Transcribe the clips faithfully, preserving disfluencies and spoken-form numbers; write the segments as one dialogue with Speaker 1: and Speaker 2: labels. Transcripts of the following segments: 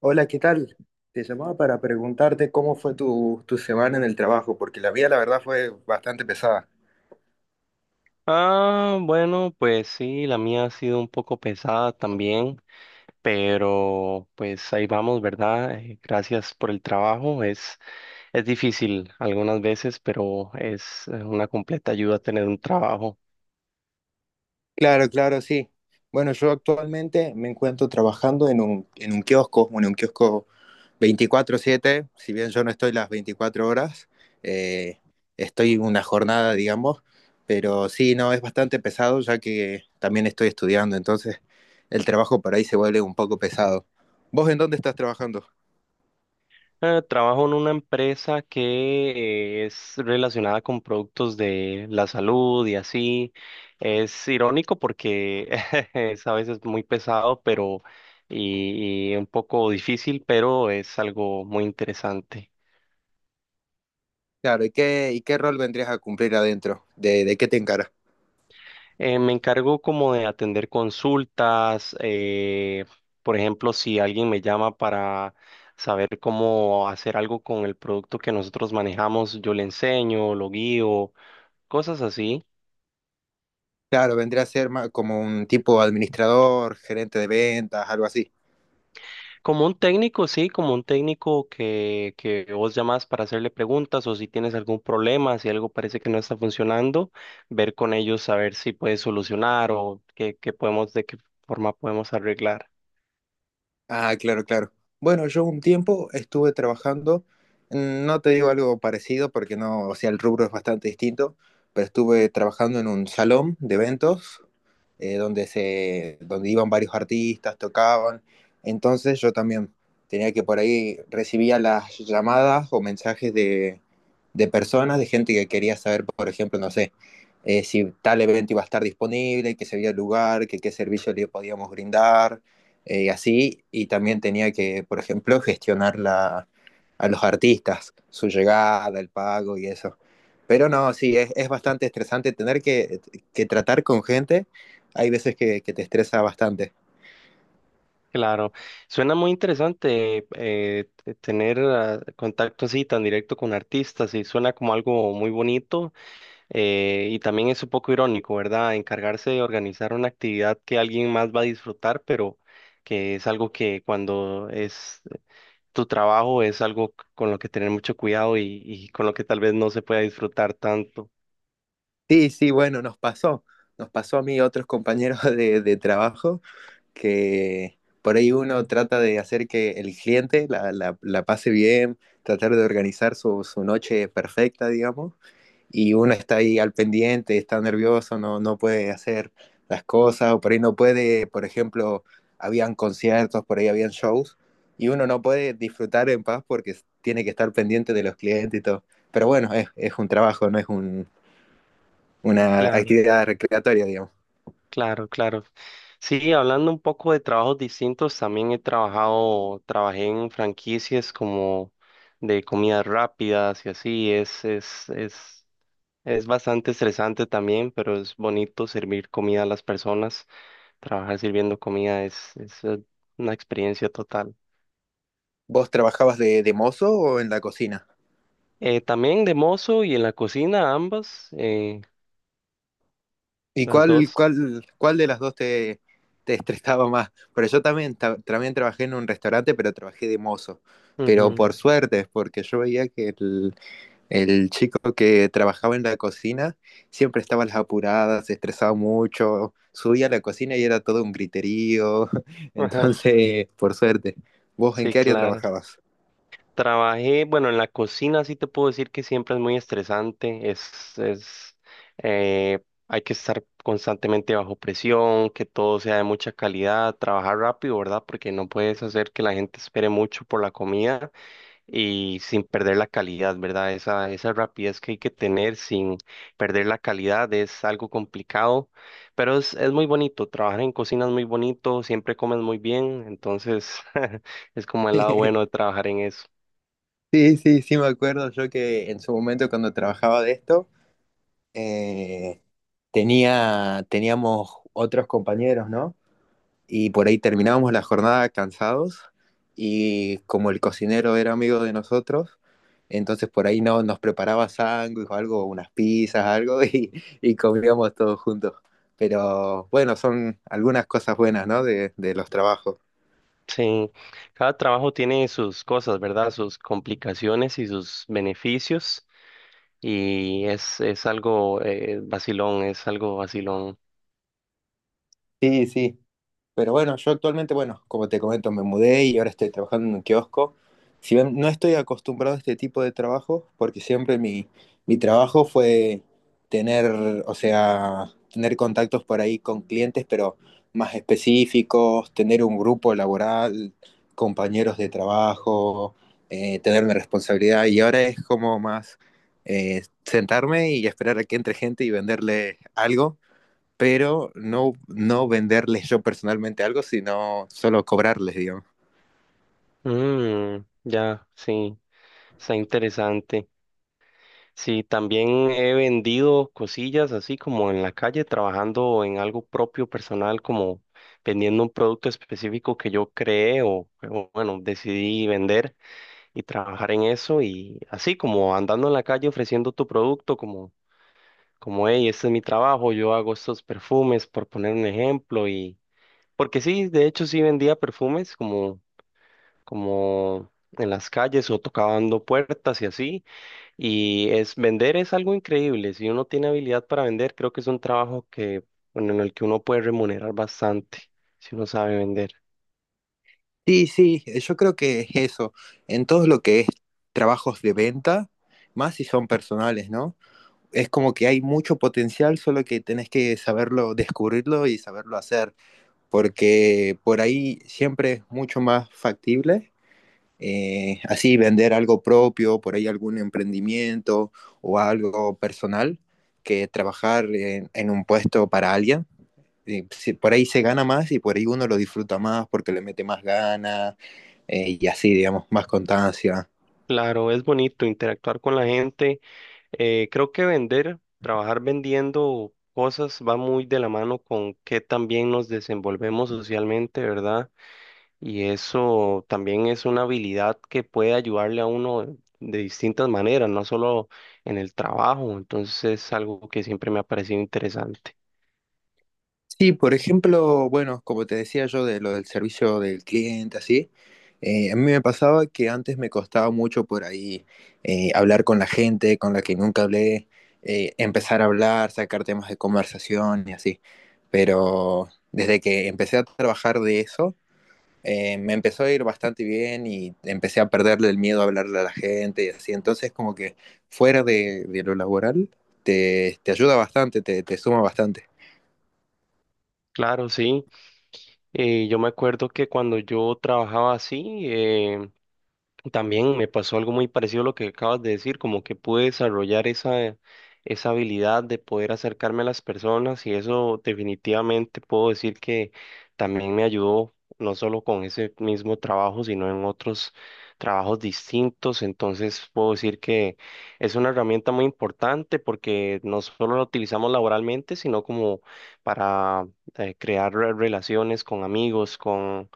Speaker 1: Hola, ¿qué tal? Te llamaba para preguntarte cómo fue tu, tu semana en el trabajo, porque la mía, la verdad, fue bastante pesada.
Speaker 2: Ah, bueno, pues sí, la mía ha sido un poco pesada también, pero pues ahí vamos, ¿verdad? Eh, Gracias por el trabajo. Es, es difícil algunas veces, pero es eh, una completa ayuda tener un trabajo.
Speaker 1: Claro, claro, sí. Bueno, yo actualmente me encuentro trabajando en un, en un kiosco, bueno, un kiosco veinticuatro siete, si bien yo no estoy las veinticuatro horas, eh, estoy una jornada, digamos, pero sí, no, es bastante pesado ya que también estoy estudiando, entonces el trabajo por ahí se vuelve un poco pesado. ¿Vos en dónde estás trabajando?
Speaker 2: Eh, trabajo en una empresa que es relacionada con productos de la salud y así. Es irónico porque es a veces muy pesado, pero y, y un poco difícil, pero es algo muy interesante.
Speaker 1: Claro, ¿y qué, y qué rol vendrías a cumplir adentro? ¿De, de qué te encaras?
Speaker 2: Eh, me encargo como de atender consultas, eh, por ejemplo, si alguien me llama para saber cómo hacer algo con el producto que nosotros manejamos, yo le enseño, lo guío, cosas así.
Speaker 1: Claro, vendría a ser ma- como un tipo administrador, gerente de ventas, algo así.
Speaker 2: Como un técnico, sí, como un técnico que, que vos llamás para hacerle preguntas o si tienes algún problema, si algo parece que no está funcionando, ver con ellos a ver si puedes solucionar o qué, qué podemos, de qué forma podemos arreglar.
Speaker 1: Ah, claro, claro. Bueno, yo un tiempo estuve trabajando, mm, no te digo algo parecido porque no, o sea, el rubro es bastante distinto, pero estuve trabajando en un salón de eventos eh, donde se, donde iban varios artistas, tocaban. Entonces yo también tenía que por ahí recibía las llamadas o mensajes de, de personas, de gente que quería saber, por ejemplo, no sé, eh, si tal evento iba a estar disponible, que se había lugar, que qué servicio le podíamos brindar eh, así, y también tenía que, por ejemplo, gestionar la, a los artistas, su llegada, el pago y eso. Pero no, sí, es, es bastante estresante tener que, que, tratar con gente. Hay veces que, que, te estresa bastante.
Speaker 2: Claro, suena muy interesante eh, t- tener ah, contacto así tan directo con artistas y suena como algo muy bonito. Eh, y también es un poco irónico, ¿verdad? Encargarse de organizar una actividad que alguien más va a disfrutar, pero que es algo que cuando es tu trabajo es algo c- con lo que tener mucho cuidado y, y con lo que tal vez no se pueda disfrutar tanto.
Speaker 1: Sí, sí, bueno, nos pasó. Nos pasó a mí y a otros compañeros de, de trabajo que, por ahí uno trata de hacer que el cliente la, la, la pase bien, tratar de organizar su, su, noche perfecta, digamos, y uno está ahí al pendiente, está nervioso, no, no puede hacer las cosas, o por ahí no puede, por ejemplo, habían conciertos, por ahí habían shows, y uno no puede disfrutar en paz porque tiene que estar pendiente de los clientes y todo. Pero bueno, es, es un trabajo, no es un, una
Speaker 2: Claro,
Speaker 1: actividad recreatoria, digamos.
Speaker 2: claro, claro. Sí, hablando un poco de trabajos distintos, también he trabajado, trabajé en franquicias como de comidas rápidas y así, es, es, es. Es bastante estresante también, pero es bonito servir comida a las personas. Trabajar sirviendo comida es, es eh, una experiencia total.
Speaker 1: ¿Vos trabajabas de, de mozo o en la cocina?
Speaker 2: Eh, también de mozo y en la cocina, ambas, eh,
Speaker 1: ¿Y
Speaker 2: las
Speaker 1: cuál,
Speaker 2: dos.
Speaker 1: cuál, cuál de las dos te, te estresaba más? Pero yo también, ta- también trabajé en un restaurante, pero trabajé de mozo. Pero
Speaker 2: Ujú,
Speaker 1: por suerte, porque yo veía que el, el chico que trabajaba en la cocina siempre estaba a las apuradas, se estresaba mucho, subía a la cocina y era todo un griterío.
Speaker 2: ajá.
Speaker 1: Entonces, por suerte. ¿Vos en
Speaker 2: Sí,
Speaker 1: qué área
Speaker 2: claro.
Speaker 1: trabajabas?
Speaker 2: Trabajé, bueno, en la cocina sí te puedo decir que siempre es muy estresante. Es, es, eh, Hay que estar constantemente bajo presión, que todo sea de mucha calidad, trabajar rápido, ¿verdad? Porque no puedes hacer que la gente espere mucho por la comida y sin perder la calidad, ¿verdad? Esa, esa rapidez que hay que tener sin perder la calidad es algo complicado, pero es, es muy bonito, trabajar en cocina es muy bonito, siempre comes muy bien, entonces es como el lado bueno de trabajar en eso.
Speaker 1: Sí, sí, sí, me acuerdo yo que en su momento cuando trabajaba de esto, eh, tenía, teníamos otros compañeros, ¿no? Y por ahí terminábamos la jornada cansados y como el cocinero era amigo de nosotros, entonces por ahí no, nos preparaba sándwich o algo, unas pizzas, algo y, y comíamos todos juntos. Pero bueno, son algunas cosas buenas, ¿no? De, de los trabajos.
Speaker 2: Sí, cada trabajo tiene sus cosas, ¿verdad? Sus complicaciones y sus beneficios. Y es, es algo eh, vacilón, es algo vacilón.
Speaker 1: Sí, sí. Pero bueno, yo actualmente, bueno, como te comento, me mudé y ahora estoy trabajando en un kiosco. Si bien no estoy acostumbrado a este tipo de trabajo, porque siempre mi, mi trabajo fue tener, o sea, tener contactos por ahí con clientes, pero más específicos, tener un grupo laboral, compañeros de trabajo, eh, tener una responsabilidad. Y ahora es como más eh, sentarme y esperar a que entre gente y venderle algo pero no, no venderles yo personalmente algo, sino solo cobrarles, digamos.
Speaker 2: Mm, ya, sí, está interesante. Sí, también he vendido cosillas así como en la calle, trabajando en algo propio personal, como vendiendo un producto específico que yo creé o, o, bueno, decidí vender y trabajar en eso y así como andando en la calle ofreciendo tu producto como, como, hey, este es mi trabajo, yo hago estos perfumes, por poner un ejemplo y porque sí, de hecho sí vendía perfumes como, como en las calles o tocando puertas y así. Y es vender es algo increíble. Si uno tiene habilidad para vender, creo que es un trabajo que, bueno, en el que uno puede remunerar bastante si uno sabe vender.
Speaker 1: Sí, sí, eh, yo creo que es eso. En todo lo que es trabajos de venta, más si son personales, ¿no? Es como que hay mucho potencial, solo que tenés que saberlo, descubrirlo y saberlo hacer, porque por ahí siempre es mucho más factible. Eh, así vender algo propio, por ahí algún emprendimiento o algo personal, que trabajar en, en un puesto para alguien. Eh, si- por ahí se gana más y por ahí uno lo disfruta más porque le mete más ganas eh, y así, digamos, más constancia.
Speaker 2: Claro, es bonito interactuar con la gente. Eh, creo que vender, trabajar vendiendo cosas va muy de la mano con que también nos desenvolvemos socialmente, ¿verdad? Y eso también es una habilidad que puede ayudarle a uno de distintas maneras, no solo en el trabajo. Entonces es algo que siempre me ha parecido interesante.
Speaker 1: Sí, por ejemplo, bueno, como te decía yo de lo del servicio del cliente, así, eh, a mí me pasaba que antes me costaba mucho por ahí eh, hablar con la gente con la que nunca hablé, eh, empezar a hablar, sacar temas de conversación y así. Pero desde que empecé a trabajar de eso, eh, me empezó a ir bastante bien y empecé a perderle el miedo a hablarle a la gente y así. Entonces, como que fuera de, de lo laboral, te, te ayuda bastante, te, te suma bastante.
Speaker 2: Claro, sí. Eh, yo me acuerdo que cuando yo trabajaba así, eh, también me pasó algo muy parecido a lo que acabas de decir, como que pude desarrollar esa, esa habilidad de poder acercarme a las personas y eso definitivamente puedo decir que también me ayudó, no solo con ese mismo trabajo, sino en otros trabajos distintos. Entonces puedo decir que es una herramienta muy importante porque no solo la utilizamos laboralmente, sino como para eh, crear re- relaciones con amigos, con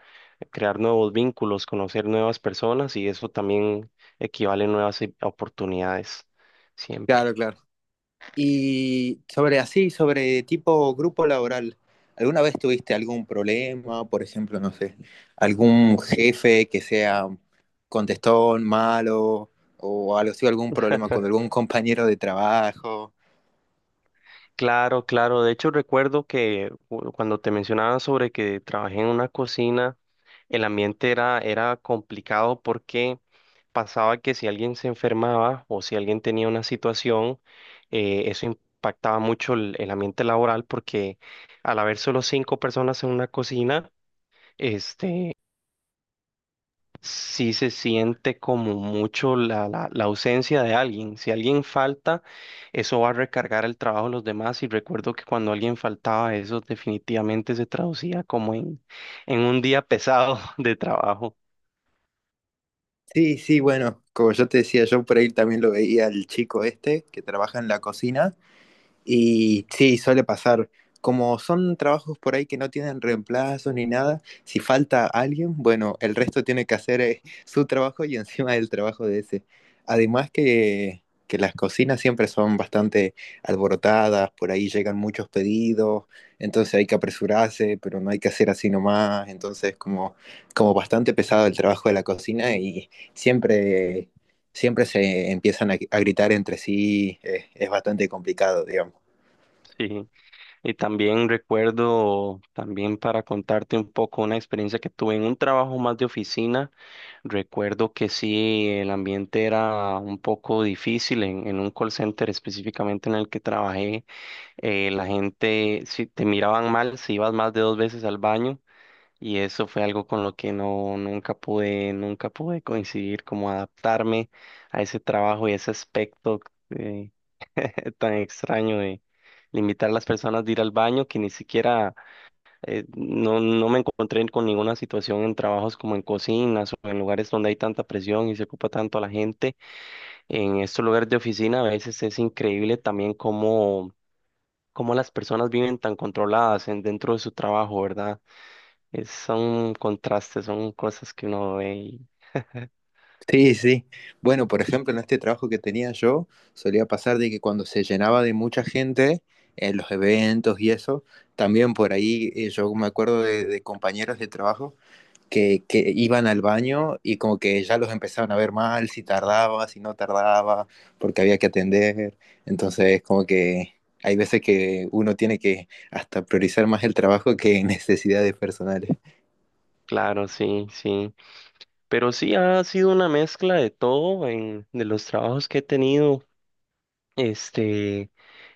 Speaker 2: crear nuevos vínculos, conocer nuevas personas y eso también equivale a nuevas i- oportunidades siempre.
Speaker 1: Claro, claro. Y sobre así, sobre tipo grupo laboral, ¿alguna vez tuviste algún problema? Por ejemplo, no sé, algún jefe que sea contestón, malo, o algo así, algún problema con algún compañero de trabajo.
Speaker 2: Claro, claro. De hecho, recuerdo que cu- cuando te mencionaba sobre que trabajé en una cocina, el ambiente era, era complicado porque pasaba que si alguien se enfermaba o si alguien tenía una situación, eh, eso impactaba mucho el, el ambiente laboral porque al haber solo cinco personas en una cocina, este sí se siente como mucho la, la, la ausencia de alguien. Si alguien falta, eso va a recargar el trabajo de los demás. Y recuerdo que cuando alguien faltaba, eso definitivamente se traducía como en, en un día pesado de trabajo.
Speaker 1: Sí, sí, bueno, como yo te decía, yo por ahí también lo veía al chico este que trabaja en la cocina. Y sí, suele pasar. Como son trabajos por ahí que no tienen reemplazos ni nada, si falta alguien, bueno, el resto tiene que hacer eh, su trabajo y encima el trabajo de ese. Además que, que las cocinas siempre son bastante alborotadas, por ahí llegan muchos pedidos, entonces hay que apresurarse, pero no hay que hacer así nomás, entonces como, como bastante pesado el trabajo de la cocina y siempre, siempre se empiezan a, a gritar entre sí, eh, es bastante complicado, digamos.
Speaker 2: Sí, y también recuerdo, también para contarte un poco una experiencia que tuve en un trabajo más de oficina, recuerdo que sí, el ambiente era un poco difícil en, en un call center específicamente en el que trabajé eh, la gente, si te miraban mal, si ibas más de dos veces al baño, y eso fue algo con lo que no, nunca pude, nunca pude coincidir, como adaptarme a ese trabajo y ese aspecto eh, tan extraño de limitar a las personas de ir al baño, que ni siquiera, eh, no, no me encontré con ninguna situación en trabajos como en cocinas o en lugares donde hay tanta presión y se ocupa tanto a la gente. En estos lugares de oficina a veces es increíble también cómo cómo las personas viven tan controladas en, dentro de su trabajo, ¿verdad? Es- son contrastes, son cosas que uno ve y
Speaker 1: Sí, sí. Bueno, por ejemplo, en este trabajo que tenía yo, solía pasar de que cuando se llenaba de mucha gente en los eventos y eso, también por ahí eh, yo me acuerdo de, de compañeros de trabajo que, que iban al baño y como que ya los empezaban a ver mal, si tardaba, si no tardaba, porque había que atender. Entonces, como que hay veces que uno tiene que hasta priorizar más el trabajo que necesidades personales.
Speaker 2: claro, sí, sí. Pero sí ha sido una mezcla de todo en, de los trabajos que he tenido. Este,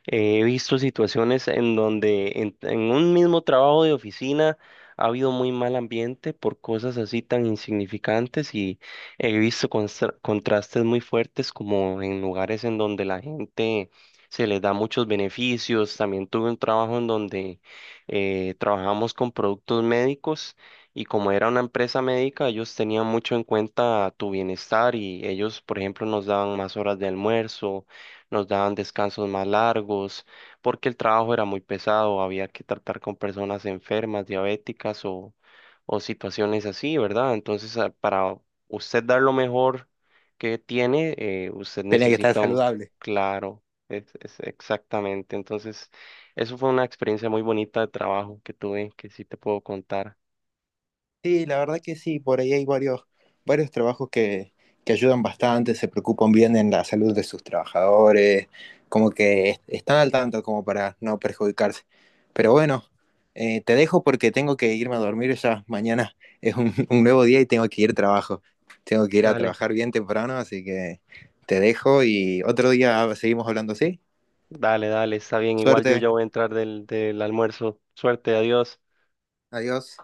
Speaker 2: eh, He visto situaciones en donde en, en un mismo trabajo de oficina ha habido muy mal ambiente por cosas así tan insignificantes y he visto constra- contrastes muy fuertes como en lugares en donde la gente se les da muchos beneficios. También tuve un trabajo en donde eh, trabajamos con productos médicos y como era una empresa médica, ellos tenían mucho en cuenta tu bienestar y ellos, por ejemplo, nos daban más horas de almuerzo, nos daban descansos más largos, porque el trabajo era muy pesado, había que tratar con personas enfermas, diabéticas o, o situaciones así, ¿verdad? Entonces, ah, para usted dar lo mejor que tiene, eh, usted
Speaker 1: Tenía que estar
Speaker 2: necesita un
Speaker 1: saludable.
Speaker 2: claro, es, es exactamente. Entonces, eso fue una experiencia muy bonita de trabajo que tuve, que sí te puedo contar.
Speaker 1: Sí, la verdad que sí, por ahí hay varios, varios trabajos que, que ayudan bastante, se preocupan bien en la salud de sus trabajadores, como que est- están al tanto como para no perjudicarse. Pero bueno, eh, te dejo porque tengo que irme a dormir ya. Mañana es un, un nuevo día y tengo que ir a trabajo. Tengo que ir a
Speaker 2: Dale,
Speaker 1: trabajar bien temprano, así que te dejo y otro día seguimos hablando, ¿sí?
Speaker 2: dale, dale, está bien. Igual yo ya
Speaker 1: Suerte,
Speaker 2: voy a entrar del, del almuerzo. Suerte, adiós.
Speaker 1: adiós.